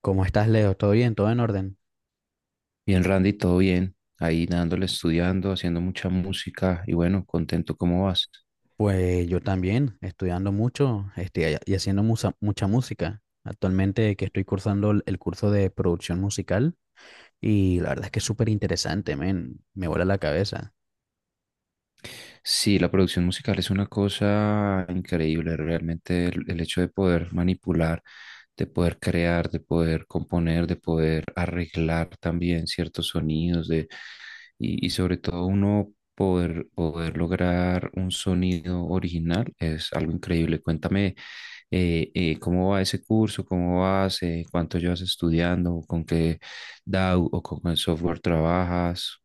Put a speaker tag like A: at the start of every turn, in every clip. A: ¿Cómo estás, Leo? ¿Todo bien? ¿Todo en orden?
B: Bien, Randy, todo bien. Ahí dándole, estudiando, haciendo mucha música y bueno, contento, ¿cómo vas?
A: Pues yo también, estudiando mucho, y haciendo mucha música. Actualmente que estoy cursando el curso de producción musical y la verdad es que es súper interesante, men, me vuela la cabeza.
B: Sí, la producción musical es una cosa increíble, realmente el hecho de poder manipular, de poder crear, de poder componer, de poder arreglar también ciertos sonidos, de. Y sobre todo uno poder lograr un sonido original es algo increíble. Cuéntame, cómo va ese curso, cómo vas, cuánto llevas estudiando, con qué DAW o con qué software trabajas.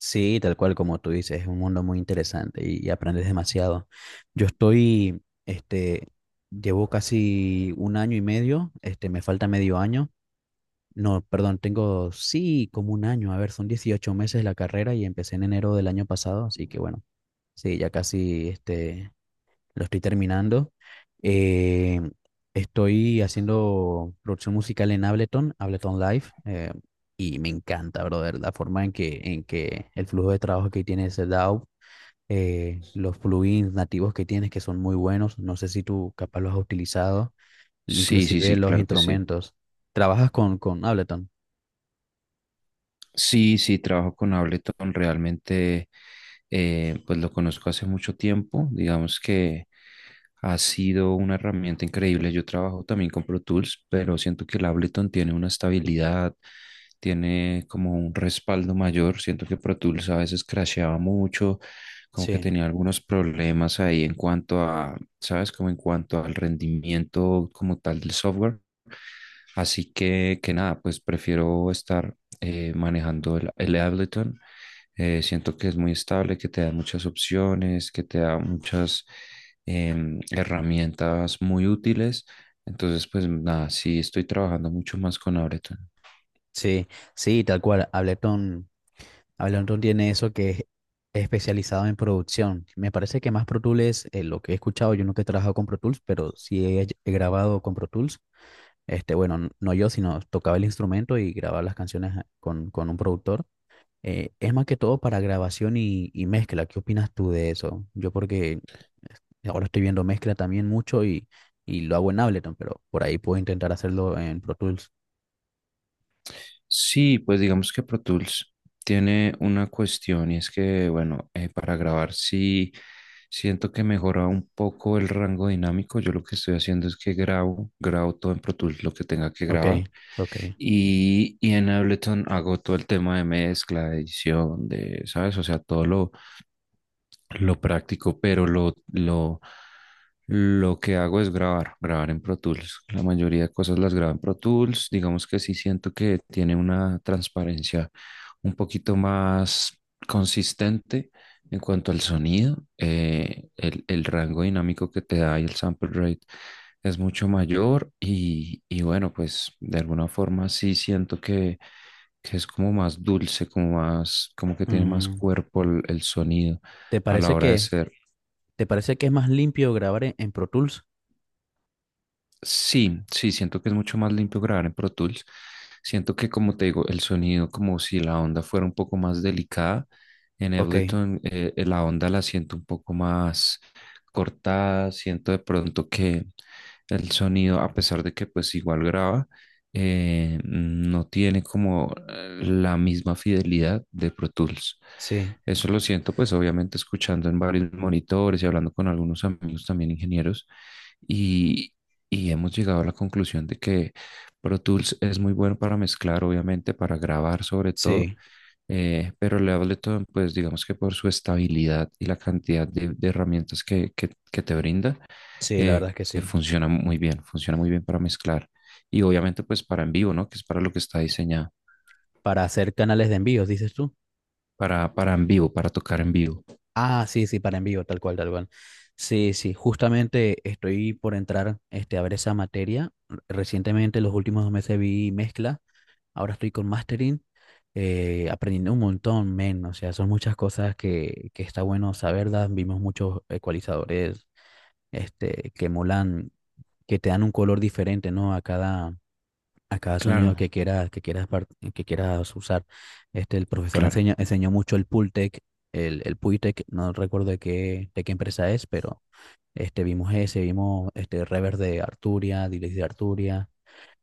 A: Sí, tal cual como tú dices, es un mundo muy interesante y aprendes demasiado. Yo estoy, llevo casi un año y medio, me falta medio año. No, perdón, tengo sí como un año. A ver, son 18 meses la carrera y empecé en enero del año pasado, así que bueno, sí, ya casi lo estoy terminando. Eh, Estoy haciendo producción musical en Ableton, Ableton Live, y me encanta, brother, la forma en que el flujo de trabajo que tiene ese DAW, los plugins nativos que tienes que son muy buenos. No sé si tú capaz los has utilizado,
B: Sí, sí,
A: inclusive
B: sí,
A: los
B: claro que sí.
A: instrumentos. ¿Trabajas con Ableton?
B: Sí, sí, trabajo con Ableton. Realmente, pues lo conozco hace mucho tiempo. Digamos que ha sido una herramienta increíble. Yo trabajo también con Pro Tools, pero siento que el Ableton tiene una estabilidad, tiene como un respaldo mayor. Siento que Pro Tools a veces crasheaba mucho, como que
A: Sí.
B: tenía algunos problemas ahí en cuanto a, ¿sabes? Como en cuanto al rendimiento como tal del software. Así que nada, pues prefiero estar manejando el Ableton. Siento que es muy estable, que te da muchas opciones, que te da muchas herramientas muy útiles. Entonces, pues nada, sí estoy trabajando mucho más con Ableton.
A: Sí, sí, tal cual. Ableton, Ableton tiene eso que es especializado en producción. Me parece que más Pro Tools, es lo que he escuchado, yo nunca he trabajado con Pro Tools, pero sí he grabado con Pro Tools. Bueno, no yo, sino tocaba el instrumento y grababa las canciones con un productor. Es más que todo para grabación y mezcla. ¿Qué opinas tú de eso? Yo porque ahora estoy viendo mezcla también mucho y lo hago en Ableton, pero por ahí puedo intentar hacerlo en Pro Tools.
B: Sí, pues digamos que Pro Tools tiene una cuestión y es que, bueno, para grabar sí siento que mejora un poco el rango dinámico. Yo lo que estoy haciendo es que grabo todo en Pro Tools lo que tenga que
A: Ok,
B: grabar
A: ok.
B: y en Ableton hago todo el tema de mezcla, de edición, de, ¿sabes? O sea, lo práctico, pero lo que hago es grabar en Pro Tools. La mayoría de cosas las grabo en Pro Tools. Digamos que sí siento que tiene una transparencia un poquito más consistente en cuanto al sonido. El rango dinámico que te da y el sample rate es mucho mayor y bueno, pues de alguna forma sí siento que es como más dulce, como más, como que tiene más
A: Mm.
B: cuerpo el sonido
A: ¿Te
B: a la
A: parece
B: hora de
A: que,
B: ser.
A: ¿te parece que es más limpio grabar en Pro Tools?
B: Sí, sí, siento que es mucho más limpio grabar en Pro Tools. Siento que, como te digo, el sonido, como si la onda fuera un poco más delicada. En
A: Ok,
B: Ableton, la onda la siento un poco más cortada. Siento de pronto que el sonido, a pesar de que pues igual graba, no tiene como la misma fidelidad de Pro Tools.
A: sí,
B: Eso lo siento, pues obviamente escuchando en varios monitores y hablando con algunos amigos también ingenieros y hemos llegado a la conclusión de que Pro Tools es muy bueno para mezclar, obviamente, para grabar sobre todo,
A: sí,
B: pero el Ableton, pues digamos que por su estabilidad y la cantidad de herramientas que, que te brinda,
A: sí, la
B: eh,
A: verdad es que sí.
B: funciona muy bien para mezclar y obviamente pues para en vivo, ¿no? Que es para lo que está diseñado,
A: Para hacer canales de envíos, dices tú.
B: para en vivo, para tocar en vivo.
A: Ah, sí, sí, para envío, tal cual, tal cual. Sí, sí, justamente estoy por entrar a ver esa materia. Recientemente, los últimos dos meses vi mezcla, ahora estoy con mastering, aprendiendo un montón, men, o sea, son muchas cosas que está bueno saberlas. Vimos muchos ecualizadores, que molan, que te dan un color diferente, ¿no? A cada sonido
B: Claro,
A: que quieras, que quieras usar. El profesor
B: claro,
A: enseñó mucho el Pultec, el Puitec, no recuerdo de qué empresa es, pero vimos ese, vimos este reverb de Arturia, delay de Arturia,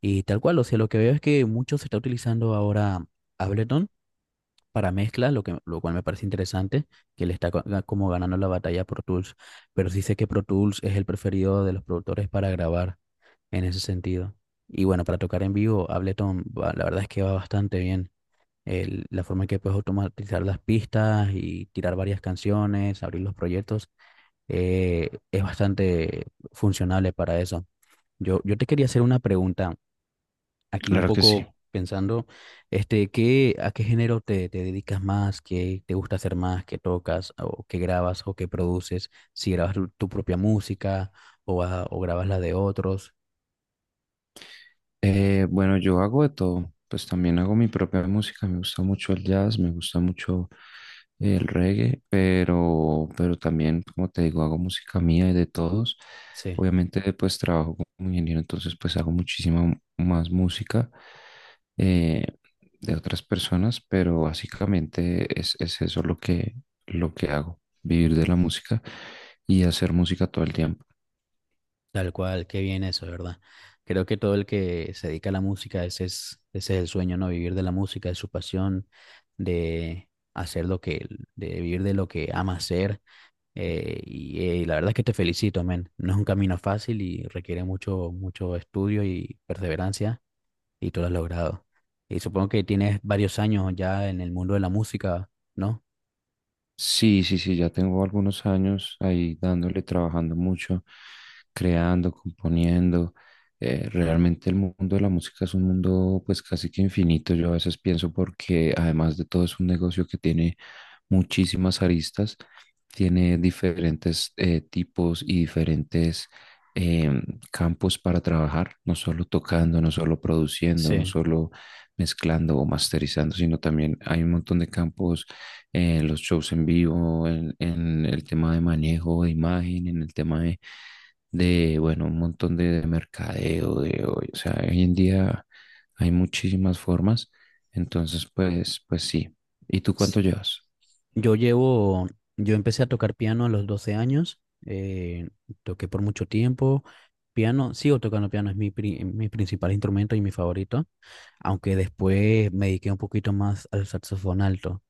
A: y tal cual. O sea, lo que veo es que mucho se está utilizando ahora Ableton para mezcla, lo cual me parece interesante, que le está como ganando la batalla a Pro Tools, pero sí sé que Pro Tools es el preferido de los productores para grabar en ese sentido. Y bueno, para tocar en vivo, Ableton, la verdad es que va bastante bien. La forma en que puedes automatizar las pistas y tirar varias canciones, abrir los proyectos, es bastante funcionable para eso. Yo te quería hacer una pregunta aquí un
B: claro que sí.
A: poco pensando, ¿qué, a qué género te dedicas más? ¿Qué te gusta hacer más? ¿Qué tocas? ¿O qué grabas? ¿O qué produces? Si grabas tu propia música o grabas la de otros.
B: Bueno, yo hago de todo, pues también hago mi propia música, me gusta mucho el jazz, me gusta mucho el reggae, pero también, como te digo, hago música mía y de todos.
A: Sí.
B: Obviamente, pues trabajo como ingeniero, entonces pues hago muchísima más música, eh, de otras personas, pero básicamente es eso lo que hago, vivir de la música y hacer música todo el tiempo.
A: Tal cual, qué bien eso, ¿de verdad? Creo que todo el que se dedica a la música, ese es el sueño, ¿no? Vivir de la música, de su pasión, de hacer de vivir de lo que ama hacer. Y la verdad es que te felicito, men. No es un camino fácil y requiere mucho, mucho estudio y perseverancia, y tú lo has logrado. Y supongo que tienes varios años ya en el mundo de la música, ¿no?
B: Sí, sí, sí, ya tengo algunos años ahí dándole, trabajando mucho, creando, componiendo. Realmente el mundo de la música es un mundo pues casi que infinito. Yo a veces pienso porque además de todo es un negocio que tiene muchísimas aristas, tiene diferentes tipos y diferentes em, campos para trabajar, no solo tocando, no solo produciendo, no
A: Sí.
B: solo mezclando o masterizando, sino también hay un montón de campos, los shows en vivo, en el tema de manejo de imagen, en el tema de, bueno, un montón de mercadeo, de hoy. O sea, hoy en día hay muchísimas formas. Entonces, pues, pues sí. ¿Y tú cuánto llevas?
A: Yo llevo, yo empecé a tocar piano a los 12 años, eh, toqué por mucho tiempo, piano, sigo tocando piano, es mi principal instrumento y mi favorito, aunque después me dediqué un poquito más al saxofón alto.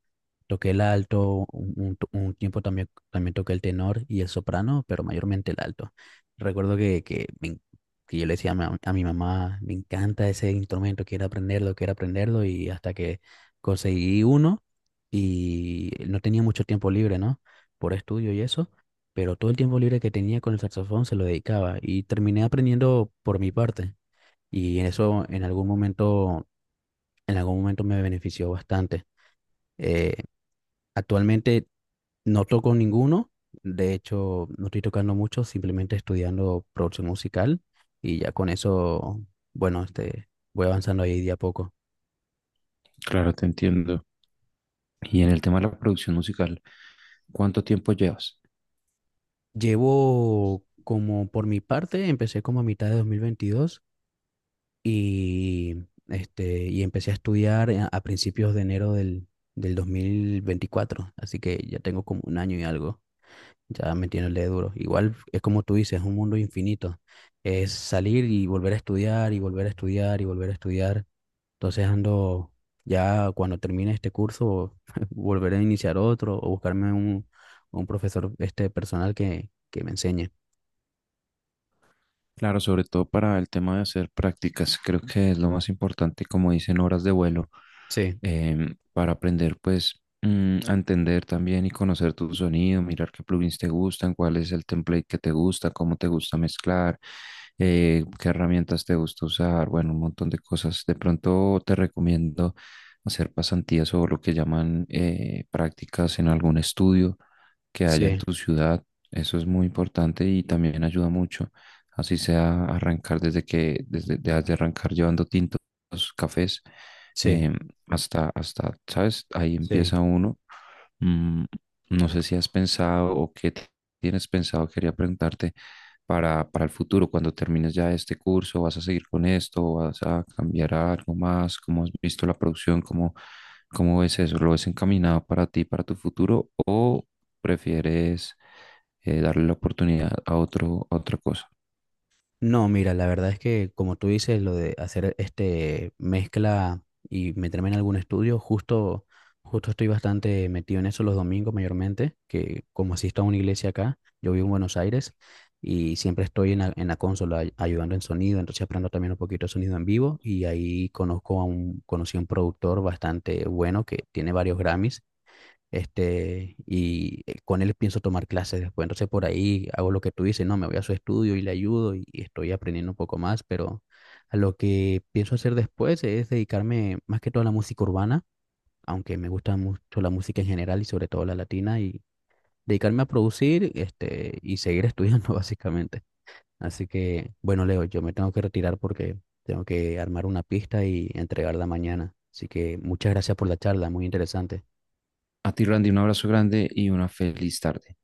A: Toqué el alto, un un tiempo también, también toqué el tenor y el soprano, pero mayormente el alto. Recuerdo que yo le decía a mi mamá, me encanta ese instrumento, quiero aprenderlo, y hasta que conseguí uno y no tenía mucho tiempo libre, ¿no? Por estudio y eso, pero todo el tiempo libre que tenía con el saxofón se lo dedicaba y terminé aprendiendo por mi parte. Y eso en algún momento me benefició bastante. Eh, Actualmente no toco ninguno, de hecho no estoy tocando mucho, simplemente estudiando producción musical y ya con eso, bueno, voy avanzando ahí de a poco.
B: Claro, te entiendo. Y en el tema de la producción musical, ¿cuánto tiempo llevas?
A: Llevo como por mi parte, empecé como a mitad de 2022 y, y empecé a estudiar a principios de enero del 2024, así que ya tengo como un año y algo. Ya metiéndole duro. Igual es como tú dices, es un mundo infinito. Es salir y volver a estudiar y volver a estudiar y volver a estudiar. Entonces ando, ya cuando termine este curso, volveré a iniciar otro o buscarme un profesor este personal que me enseñe.
B: Claro, sobre todo para el tema de hacer prácticas, creo que es lo más importante, como dicen, horas de vuelo.
A: Sí,
B: Para aprender pues, a entender también y conocer tu sonido, mirar qué plugins te gustan, cuál es el template que te gusta, cómo te gusta mezclar, qué herramientas te gusta usar, bueno, un montón de cosas. De pronto te recomiendo hacer pasantías o lo que llaman, prácticas en algún estudio que haya en
A: sí,
B: tu ciudad. Eso es muy importante y también ayuda mucho. Así sea arrancar desde que, desde, de arrancar llevando tintos, cafés,
A: sí,
B: em, hasta, hasta, ¿sabes? Ahí
A: sí.
B: empieza uno. Mm, no sé si has pensado o qué tienes pensado, quería preguntarte para el futuro, cuando termines ya este curso, ¿vas a seguir con esto? ¿O vas a cambiar a algo más? ¿Cómo has visto la producción? ¿Cómo, cómo ves eso? ¿Lo ves encaminado para ti, para tu futuro? ¿O prefieres, darle la oportunidad a otro, a otra cosa?
A: No, mira, la verdad es que como tú dices, lo de hacer este mezcla y meterme en algún estudio, justo estoy bastante metido en eso los domingos mayormente, que como asisto a una iglesia acá, yo vivo en Buenos Aires y siempre estoy en la consola ayudando en sonido, entonces aprendo también un poquito de sonido en vivo y ahí conocí a un productor bastante bueno que tiene varios Grammys, con él pienso tomar clases después. Entonces por ahí hago lo que tú dices, no, me voy a su estudio y le ayudo y estoy aprendiendo un poco más, pero a lo que pienso hacer después es dedicarme más que todo a la música urbana, aunque me gusta mucho la música en general y sobre todo la latina, y dedicarme a producir, y seguir estudiando básicamente. Así que, bueno, Leo, yo me tengo que retirar porque tengo que armar una pista y entregarla mañana. Así que muchas gracias por la charla, muy interesante.
B: A ti, Randy, un abrazo grande y una feliz tarde.